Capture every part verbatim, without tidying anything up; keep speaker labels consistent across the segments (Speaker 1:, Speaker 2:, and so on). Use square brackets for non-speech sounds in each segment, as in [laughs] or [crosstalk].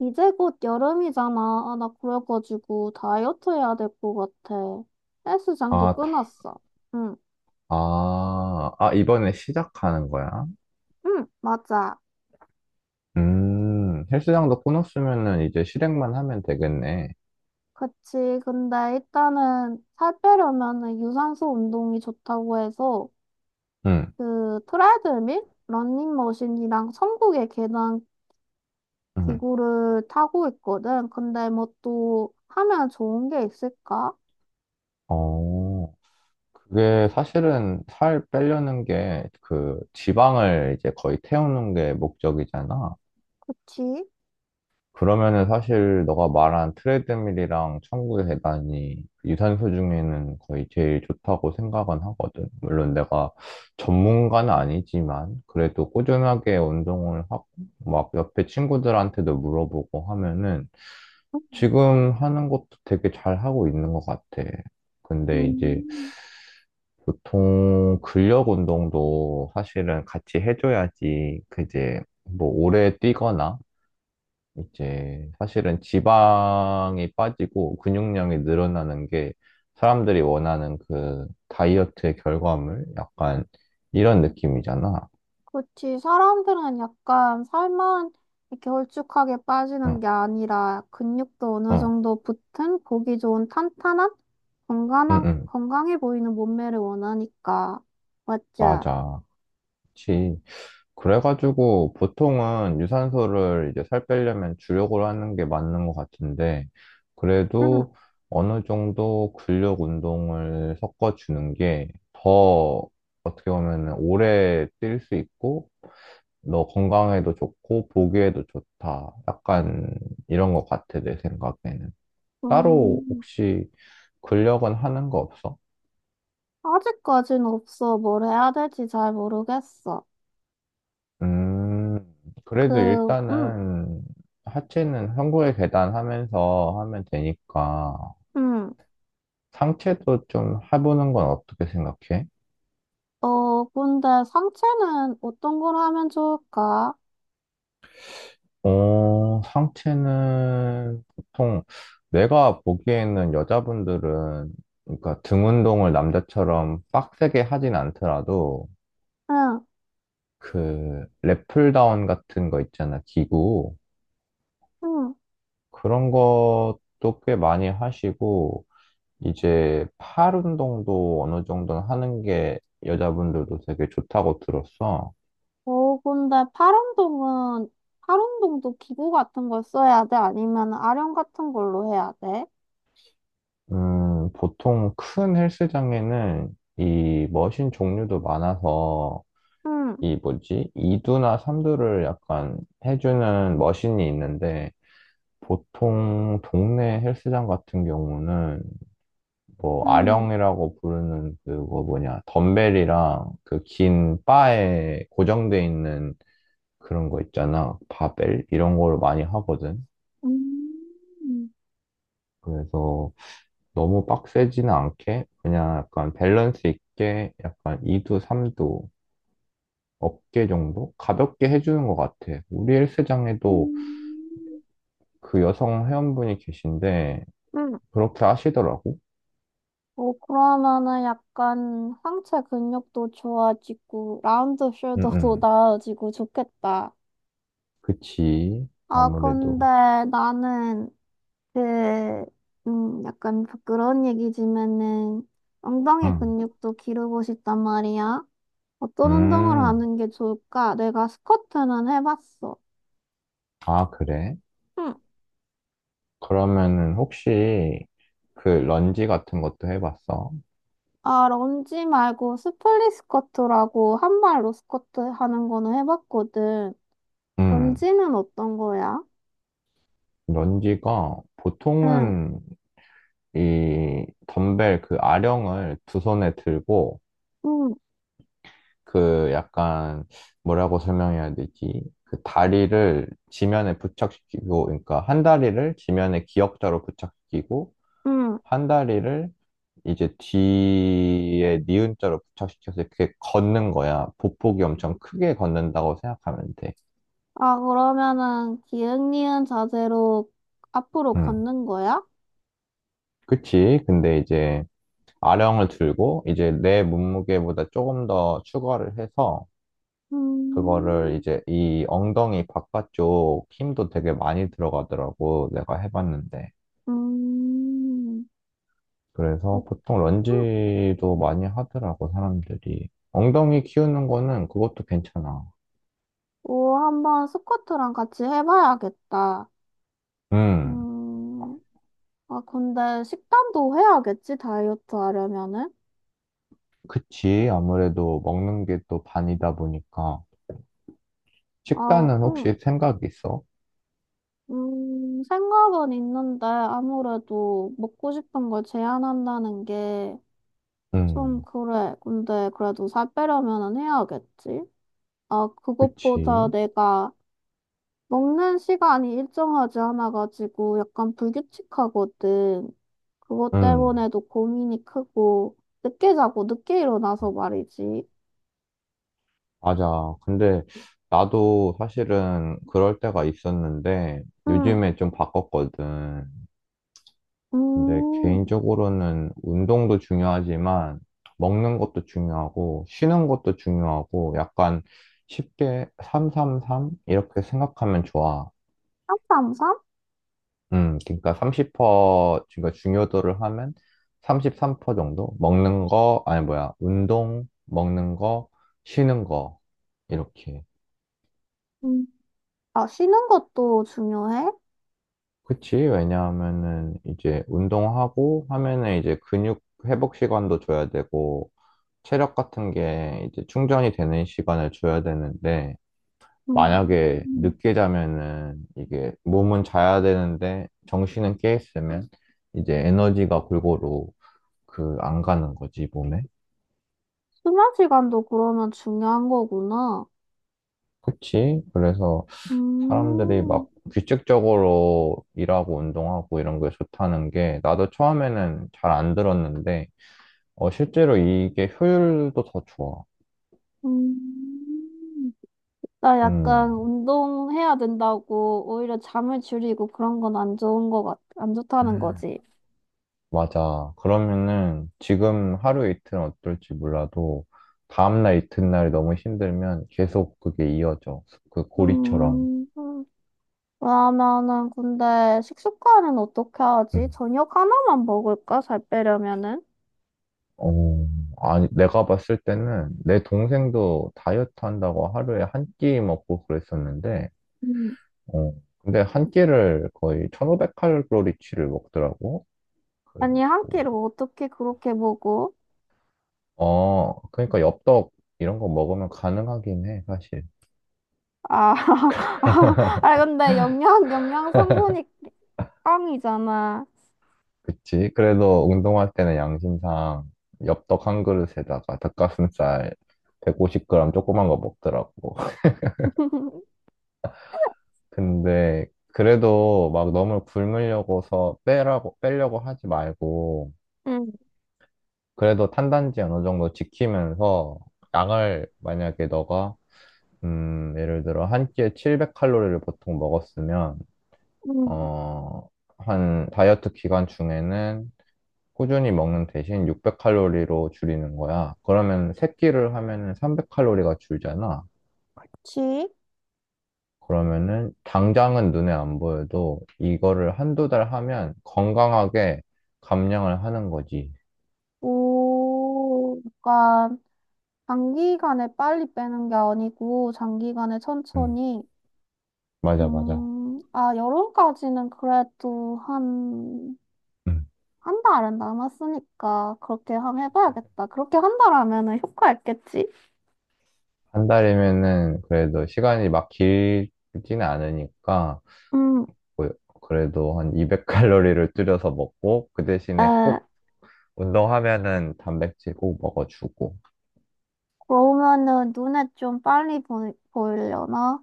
Speaker 1: 이제 곧 여름이잖아. 아, 나 그래가지고 다이어트 해야 될 것 같아. 헬스장도
Speaker 2: 아, 다-
Speaker 1: 끊었어. 응,
Speaker 2: 아, 아, 이번에 시작하는 거야?
Speaker 1: 응, 맞아.
Speaker 2: 음, 헬스장도 끊었으면은 이제 실행만 하면 되겠네.
Speaker 1: 그치. 근데 일단은 살 빼려면은 유산소 운동이 좋다고 해서
Speaker 2: 응,
Speaker 1: 그 트레드밀, 러닝머신이랑 천국의 계단
Speaker 2: 응.
Speaker 1: 기구를 타고 있거든. 근데 뭐 또 하면 좋은 게 있을까?
Speaker 2: 어, 그게 사실은 살 빼려는 게 그 지방을 이제 거의 태우는 게 목적이잖아.
Speaker 1: 그치?
Speaker 2: 그러면은 사실 너가 말한 트레드밀이랑 천구 계단이 유산소 중에는 거의 제일 좋다고 생각은 하거든. 물론 내가 전문가는 아니지만 그래도 꾸준하게 운동을 하고 막 옆에 친구들한테도 물어보고 하면은 지금 하는 것도 되게 잘 하고 있는 것 같아. 근데 이제
Speaker 1: 음.
Speaker 2: 보통 근력 운동도 사실은 같이 해줘야지, 그제 뭐 오래 뛰거나 이제 사실은 지방이 빠지고 근육량이 늘어나는 게 사람들이 원하는 그 다이어트의 결과물? 약간 이런 느낌이잖아.
Speaker 1: 그렇지. 사람들은 약간 살만 이렇게 홀쭉하게
Speaker 2: 응,
Speaker 1: 빠지는 게 아니라 근육도 어느
Speaker 2: 응,
Speaker 1: 정도 붙은 보기 좋은 탄탄한
Speaker 2: 응,
Speaker 1: 건강한
Speaker 2: 응.
Speaker 1: 건강해 보이는 몸매를 원하니까 맞자.
Speaker 2: 맞아. 그치. 그래가지고 보통은 유산소를 이제 살 빼려면 주력으로 하는 게 맞는 것 같은데,
Speaker 1: 응.
Speaker 2: 그래도 어느 정도 근력 운동을 섞어주는 게 더 어떻게 보면 오래 뛸 수 있고 너 건강에도 좋고 보기에도 좋다. 약간 이런 것 같아, 내 생각에는. 따로
Speaker 1: 음,
Speaker 2: 혹시 근력은 하는 거 없어?
Speaker 1: 아직까지는 없어. 뭘 해야 될지 잘 모르겠어.
Speaker 2: 음, 그래도
Speaker 1: 그, 음,
Speaker 2: 일단은 하체는 한국의 계단 하면서 하면 되니까
Speaker 1: 음.
Speaker 2: 상체도 좀 해보는 건 어떻게 생각해?
Speaker 1: 어, 근데 상체는 어떤 걸 하면 좋을까?
Speaker 2: 어, 상체는 보통 내가 보기에는 여자분들은, 그러니까 등 운동을 남자처럼 빡세게 하진 않더라도
Speaker 1: 응,
Speaker 2: 그 랩풀다운 같은 거 있잖아, 기구.
Speaker 1: 응.
Speaker 2: 그런 것도 꽤 많이 하시고, 이제 팔 운동도 어느 정도는 하는 게 여자분들도 되게 좋다고 들었어.
Speaker 1: 어, 근데 파란동은, 파란동도 기구 같은 걸 써야 돼? 아니면 아령 같은 걸로 해야 돼?
Speaker 2: 음, 보통 큰 헬스장에는 이 머신 종류도 많아서,
Speaker 1: 응,
Speaker 2: 이 뭐지? 이두나 삼두를 약간 해주는 머신이 있는데, 보통 동네 헬스장 같은 경우는 뭐
Speaker 1: 응,
Speaker 2: 아령이라고 부르는 그거 뭐냐, 덤벨이랑 그 긴 바에 고정돼 있는 그런 거 있잖아, 바벨. 이런 걸 많이 하거든.
Speaker 1: 음, 음,
Speaker 2: 그래서 너무 빡세지는 않게 그냥 약간 밸런스 있게 약간 이두 삼두 어깨 정도 가볍게 해주는 것 같아. 우리 헬스장에도 그 여성 회원분이 계신데
Speaker 1: 응.
Speaker 2: 그렇게 하시더라고.
Speaker 1: 어, 그러면은 약간 상체 근육도 좋아지고, 라운드
Speaker 2: 응응,
Speaker 1: 숄더도 [laughs] 나아지고 좋겠다.
Speaker 2: 그치.
Speaker 1: 아, 근데
Speaker 2: 아무래도.
Speaker 1: 나는 그, 음, 약간 부끄러운 얘기지만은 엉덩이
Speaker 2: 응.
Speaker 1: 근육도 기르고 싶단 말이야. 어떤 운동을
Speaker 2: 음,
Speaker 1: 하는 게 좋을까? 내가 스쿼트는 해봤어.
Speaker 2: 아, 그래?
Speaker 1: 응.
Speaker 2: 그러면은 혹시 그 런지 같은 것도 해봤어?
Speaker 1: 아, 런지 말고 스플릿 스쿼트라고 한 발로 스쿼트 하는 거는 해봤거든.
Speaker 2: 음,
Speaker 1: 런지는 어떤 거야?
Speaker 2: 런지가
Speaker 1: 응,
Speaker 2: 보통은 이 덤벨, 그 아령을 두 손에 들고
Speaker 1: 응,
Speaker 2: 그 약간, 뭐라고 설명해야 되지? 그 다리를 지면에 부착시키고, 그러니까 한 다리를 지면에 기역자로 부착시키고,
Speaker 1: 응.
Speaker 2: 한 다리를 이제 뒤에 니은자로 부착시켜서 이렇게 걷는 거야. 보폭이 엄청 크게 걷는다고 생각하면 돼.
Speaker 1: 아, 그러면은 기흥리은 자세로 앞으로
Speaker 2: 음.
Speaker 1: 걷는 거야?
Speaker 2: 그치. 근데 이제 아령을 들고 이제 내 몸무게보다 조금 더 추가를 해서 그거를
Speaker 1: 음,
Speaker 2: 이제, 이 엉덩이 바깥쪽 힘도 되게 많이 들어가더라고, 내가 해봤는데.
Speaker 1: 음,
Speaker 2: 그래서
Speaker 1: 그렇군.
Speaker 2: 보통 런지도 많이 하더라고, 사람들이. 엉덩이 키우는 거는 그것도 괜찮아.
Speaker 1: 오, 한번 스쿼트랑 같이 해봐야겠다.
Speaker 2: 음,
Speaker 1: 음. 아, 근데 식단도 해야겠지, 다이어트 하려면은?
Speaker 2: 그치. 아무래도 먹는 게 또 반이다 보니까.
Speaker 1: 아,
Speaker 2: 식단은
Speaker 1: 음,
Speaker 2: 혹시 생각 있어?
Speaker 1: 음, 생각은 있는데 아무래도 먹고 싶은 걸 제한한다는 게 좀
Speaker 2: 음,
Speaker 1: 그래. 근데 그래도 살 빼려면은 해야겠지? 아, 그것보다
Speaker 2: 그치.
Speaker 1: 내가 먹는 시간이 일정하지 않아가지고 약간 불규칙하거든. 그것
Speaker 2: 음.
Speaker 1: 때문에도 고민이 크고 늦게 자고 늦게 일어나서 말이지.
Speaker 2: 맞아. 근데 나도 사실은 그럴 때가 있었는데
Speaker 1: 응,
Speaker 2: 요즘에 좀 바꿨거든. 근데
Speaker 1: 음,
Speaker 2: 개인적으로는 운동도 중요하지만 먹는 것도 중요하고 쉬는 것도 중요하고, 약간 쉽게 삼삼삼 이렇게 생각하면 좋아.
Speaker 1: 삼삼삼?
Speaker 2: 음, 그러니까 삼십 퍼센트, 그러니까 중요도를 하면 삼십삼 퍼센트 정도? 먹는 거, 아니 뭐야, 운동, 먹는 거, 쉬는 거, 이렇게.
Speaker 1: 응. 아, 쉬는 것도 중요해?
Speaker 2: 그치. 왜냐하면은 이제 운동하고 하면은 이제 근육 회복 시간도 줘야 되고 체력 같은 게 이제 충전이 되는 시간을 줘야 되는데, 만약에
Speaker 1: 음,
Speaker 2: 늦게 자면은 이게 몸은 자야 되는데 정신은 깨 있으면 이제 에너지가 골고루 그 안 가는 거지, 몸에.
Speaker 1: 수면 시간도 그러면 중요한 거구나.
Speaker 2: 그치. 그래서 사람들이
Speaker 1: 음,
Speaker 2: 막 규칙적으로 일하고 운동하고 이런 게 좋다는 게 나도 처음에는 잘 안 들었는데, 어, 실제로 이게 효율도 더 좋아.
Speaker 1: 음. 나
Speaker 2: 음,
Speaker 1: 약간 운동해야 된다고 오히려 잠을 줄이고 그런 건 안 좋은 거 같, 안 좋다는
Speaker 2: 음,
Speaker 1: 거지.
Speaker 2: 맞아. 그러면은 지금 하루 이틀은 어떨지 몰라도 다음날 이튿날이 너무 힘들면 계속 그게 이어져. 그 고리처럼.
Speaker 1: 음, 음. 그러면은 근데 식습관은 어떻게 하지?
Speaker 2: 음.
Speaker 1: 저녁 하나만 먹을까? 살 빼려면은?
Speaker 2: 어, 아니, 내가 봤을 때는 내 동생도 다이어트 한다고 하루에 한 끼 먹고 그랬었는데,
Speaker 1: 음.
Speaker 2: 어, 근데 한 끼를 거의 천오백 칼로리치를 먹더라고.
Speaker 1: 아니, 한
Speaker 2: 그래갖고
Speaker 1: 끼를 어떻게 그렇게 먹어?
Speaker 2: 어, 그러니까 엽떡 이런 거 먹으면 가능하긴 해, 사실.
Speaker 1: 아, [laughs] 아, 근데 영양, 영양 성분이 깡이잖아.
Speaker 2: 그치? 그래도 운동할 때는 양심상 엽떡 한 그릇에다가 닭가슴살 백오십 그램 조그만 거 먹더라고. [laughs]
Speaker 1: [laughs]
Speaker 2: 근데 그래도 막 너무 굶으려고서 빼라고, 빼려고 하지 말고,
Speaker 1: 응,
Speaker 2: 그래도 탄단지 어느 정도 지키면서 양을, 만약에 너가, 음, 예를 들어 한 끼에 칠백 칼로리를 보통 먹었으면,
Speaker 1: 응,
Speaker 2: 어, 한 다이어트 기간 중에는 꾸준히 먹는 대신 육백 칼로리로 줄이는 거야. 그러면 세끼를 하면은 삼백 칼로리가 줄잖아.
Speaker 1: 그치?
Speaker 2: 그러면은 당장은 눈에 안 보여도 이거를 한두 달 하면 건강하게 감량을 하는 거지.
Speaker 1: 오, 그러니까 단기간에 빨리 빼는 게 아니고 장기간에
Speaker 2: 음,
Speaker 1: 천천히.
Speaker 2: 맞아, 맞아.
Speaker 1: 음, 아, 여름까지는 그래도 한,
Speaker 2: 음.
Speaker 1: 한 달은 남았으니까 그렇게 한번 해봐야겠다. 그렇게 한 달 하면은 효과 있겠지?
Speaker 2: 한 달이면은 그래도 시간이 막 길지는 않으니까,
Speaker 1: 음,
Speaker 2: 뭐 그래도 한 이백 칼로리를 줄여서 먹고 그 대신에
Speaker 1: 에,
Speaker 2: 꼭 운동하면은 단백질 꼭 먹어주고.
Speaker 1: 그러면은 눈에 좀 빨리 보이, 보이려나?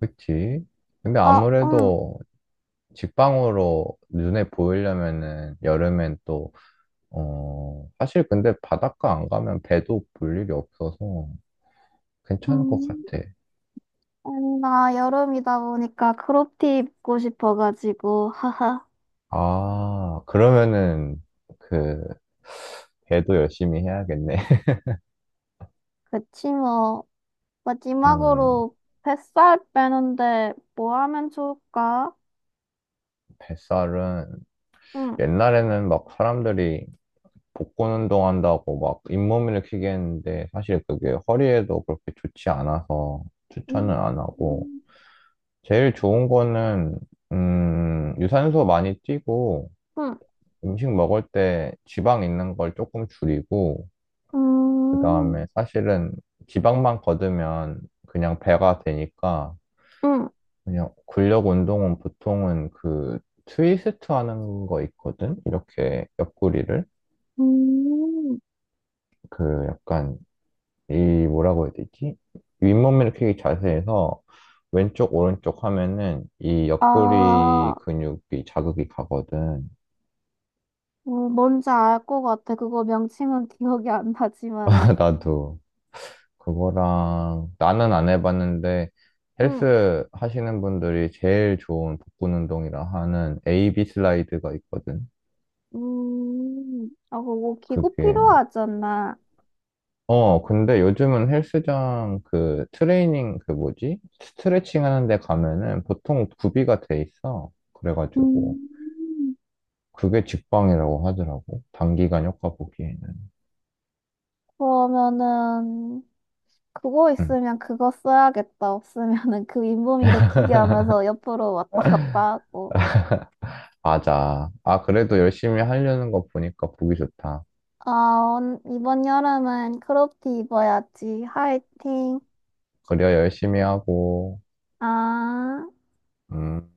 Speaker 2: 그치? 근데
Speaker 1: 아, 음.
Speaker 2: 아무래도 직방으로 눈에 보이려면은 여름엔 또, 어, 사실 근데 바닷가 안 가면 배도 볼 일이 없어서 괜찮을 것
Speaker 1: 음,
Speaker 2: 같아.
Speaker 1: 아니, 나 여름이다 보니까 크롭티 입고 싶어가지고, 하하.
Speaker 2: 아, 그러면은 그 배도 열심히 해야겠네. [laughs]
Speaker 1: 그치, 뭐.
Speaker 2: 음,
Speaker 1: 마지막으로 뱃살 빼는데 뭐 하면 좋을까?
Speaker 2: 뱃살은
Speaker 1: 응.
Speaker 2: 옛날에는 막 사람들이 복근 운동한다고 막 잇몸 일으키게 했는데, 사실 그게 허리에도 그렇게 좋지 않아서 추천은 안 하고.
Speaker 1: 음,
Speaker 2: 제일 좋은 거는, 음, 유산소 많이 뛰고,
Speaker 1: 응.
Speaker 2: 음식 먹을 때 지방 있는 걸 조금 줄이고, 그
Speaker 1: 음,
Speaker 2: 다음에 사실은 지방만 걷으면 그냥 배가 되니까,
Speaker 1: 응.
Speaker 2: 그냥 근력 운동은 보통은 그 트위스트 하는 거 있거든? 이렇게 옆구리를.
Speaker 1: 음.
Speaker 2: 그 약간, 이 뭐라고 해야 되지? 윗몸 일으키기 자세에서 왼쪽, 오른쪽 하면은 이
Speaker 1: 아,
Speaker 2: 옆구리 근육이 자극이 가거든.
Speaker 1: 뭐 뭔지 알 것 같아. 그거 명칭은 기억이 안 나지만은.
Speaker 2: [laughs] 나도 그거랑, 나는 안 해봤는데
Speaker 1: 응.
Speaker 2: 헬스 하시는 분들이 제일 좋은 복근 운동이라 하는 에이비 슬라이드가 있거든.
Speaker 1: 음, 아, 그거 기구
Speaker 2: 그게,
Speaker 1: 필요하잖아.
Speaker 2: 어 근데 요즘은 헬스장 그 트레이닝, 그 뭐지? 스트레칭 하는 데 가면은 보통 구비가 돼 있어. 그래가지고
Speaker 1: 음,
Speaker 2: 그게 직방이라고 하더라고, 단기간 효과 보기에는.
Speaker 1: 그러면은, 그거
Speaker 2: 응.
Speaker 1: 있으면 그거 써야겠다. 없으면은 그 윗몸 일으키기 하면서 옆으로 왔다 갔다 하고.
Speaker 2: 맞아. 아, 그래도 열심히 하려는 거 보니까 보기 좋다.
Speaker 1: 아, 온 이번 여름은 크롭티 입어야지. 화이팅.
Speaker 2: 그래야 열심히 하고.
Speaker 1: 아.
Speaker 2: 음.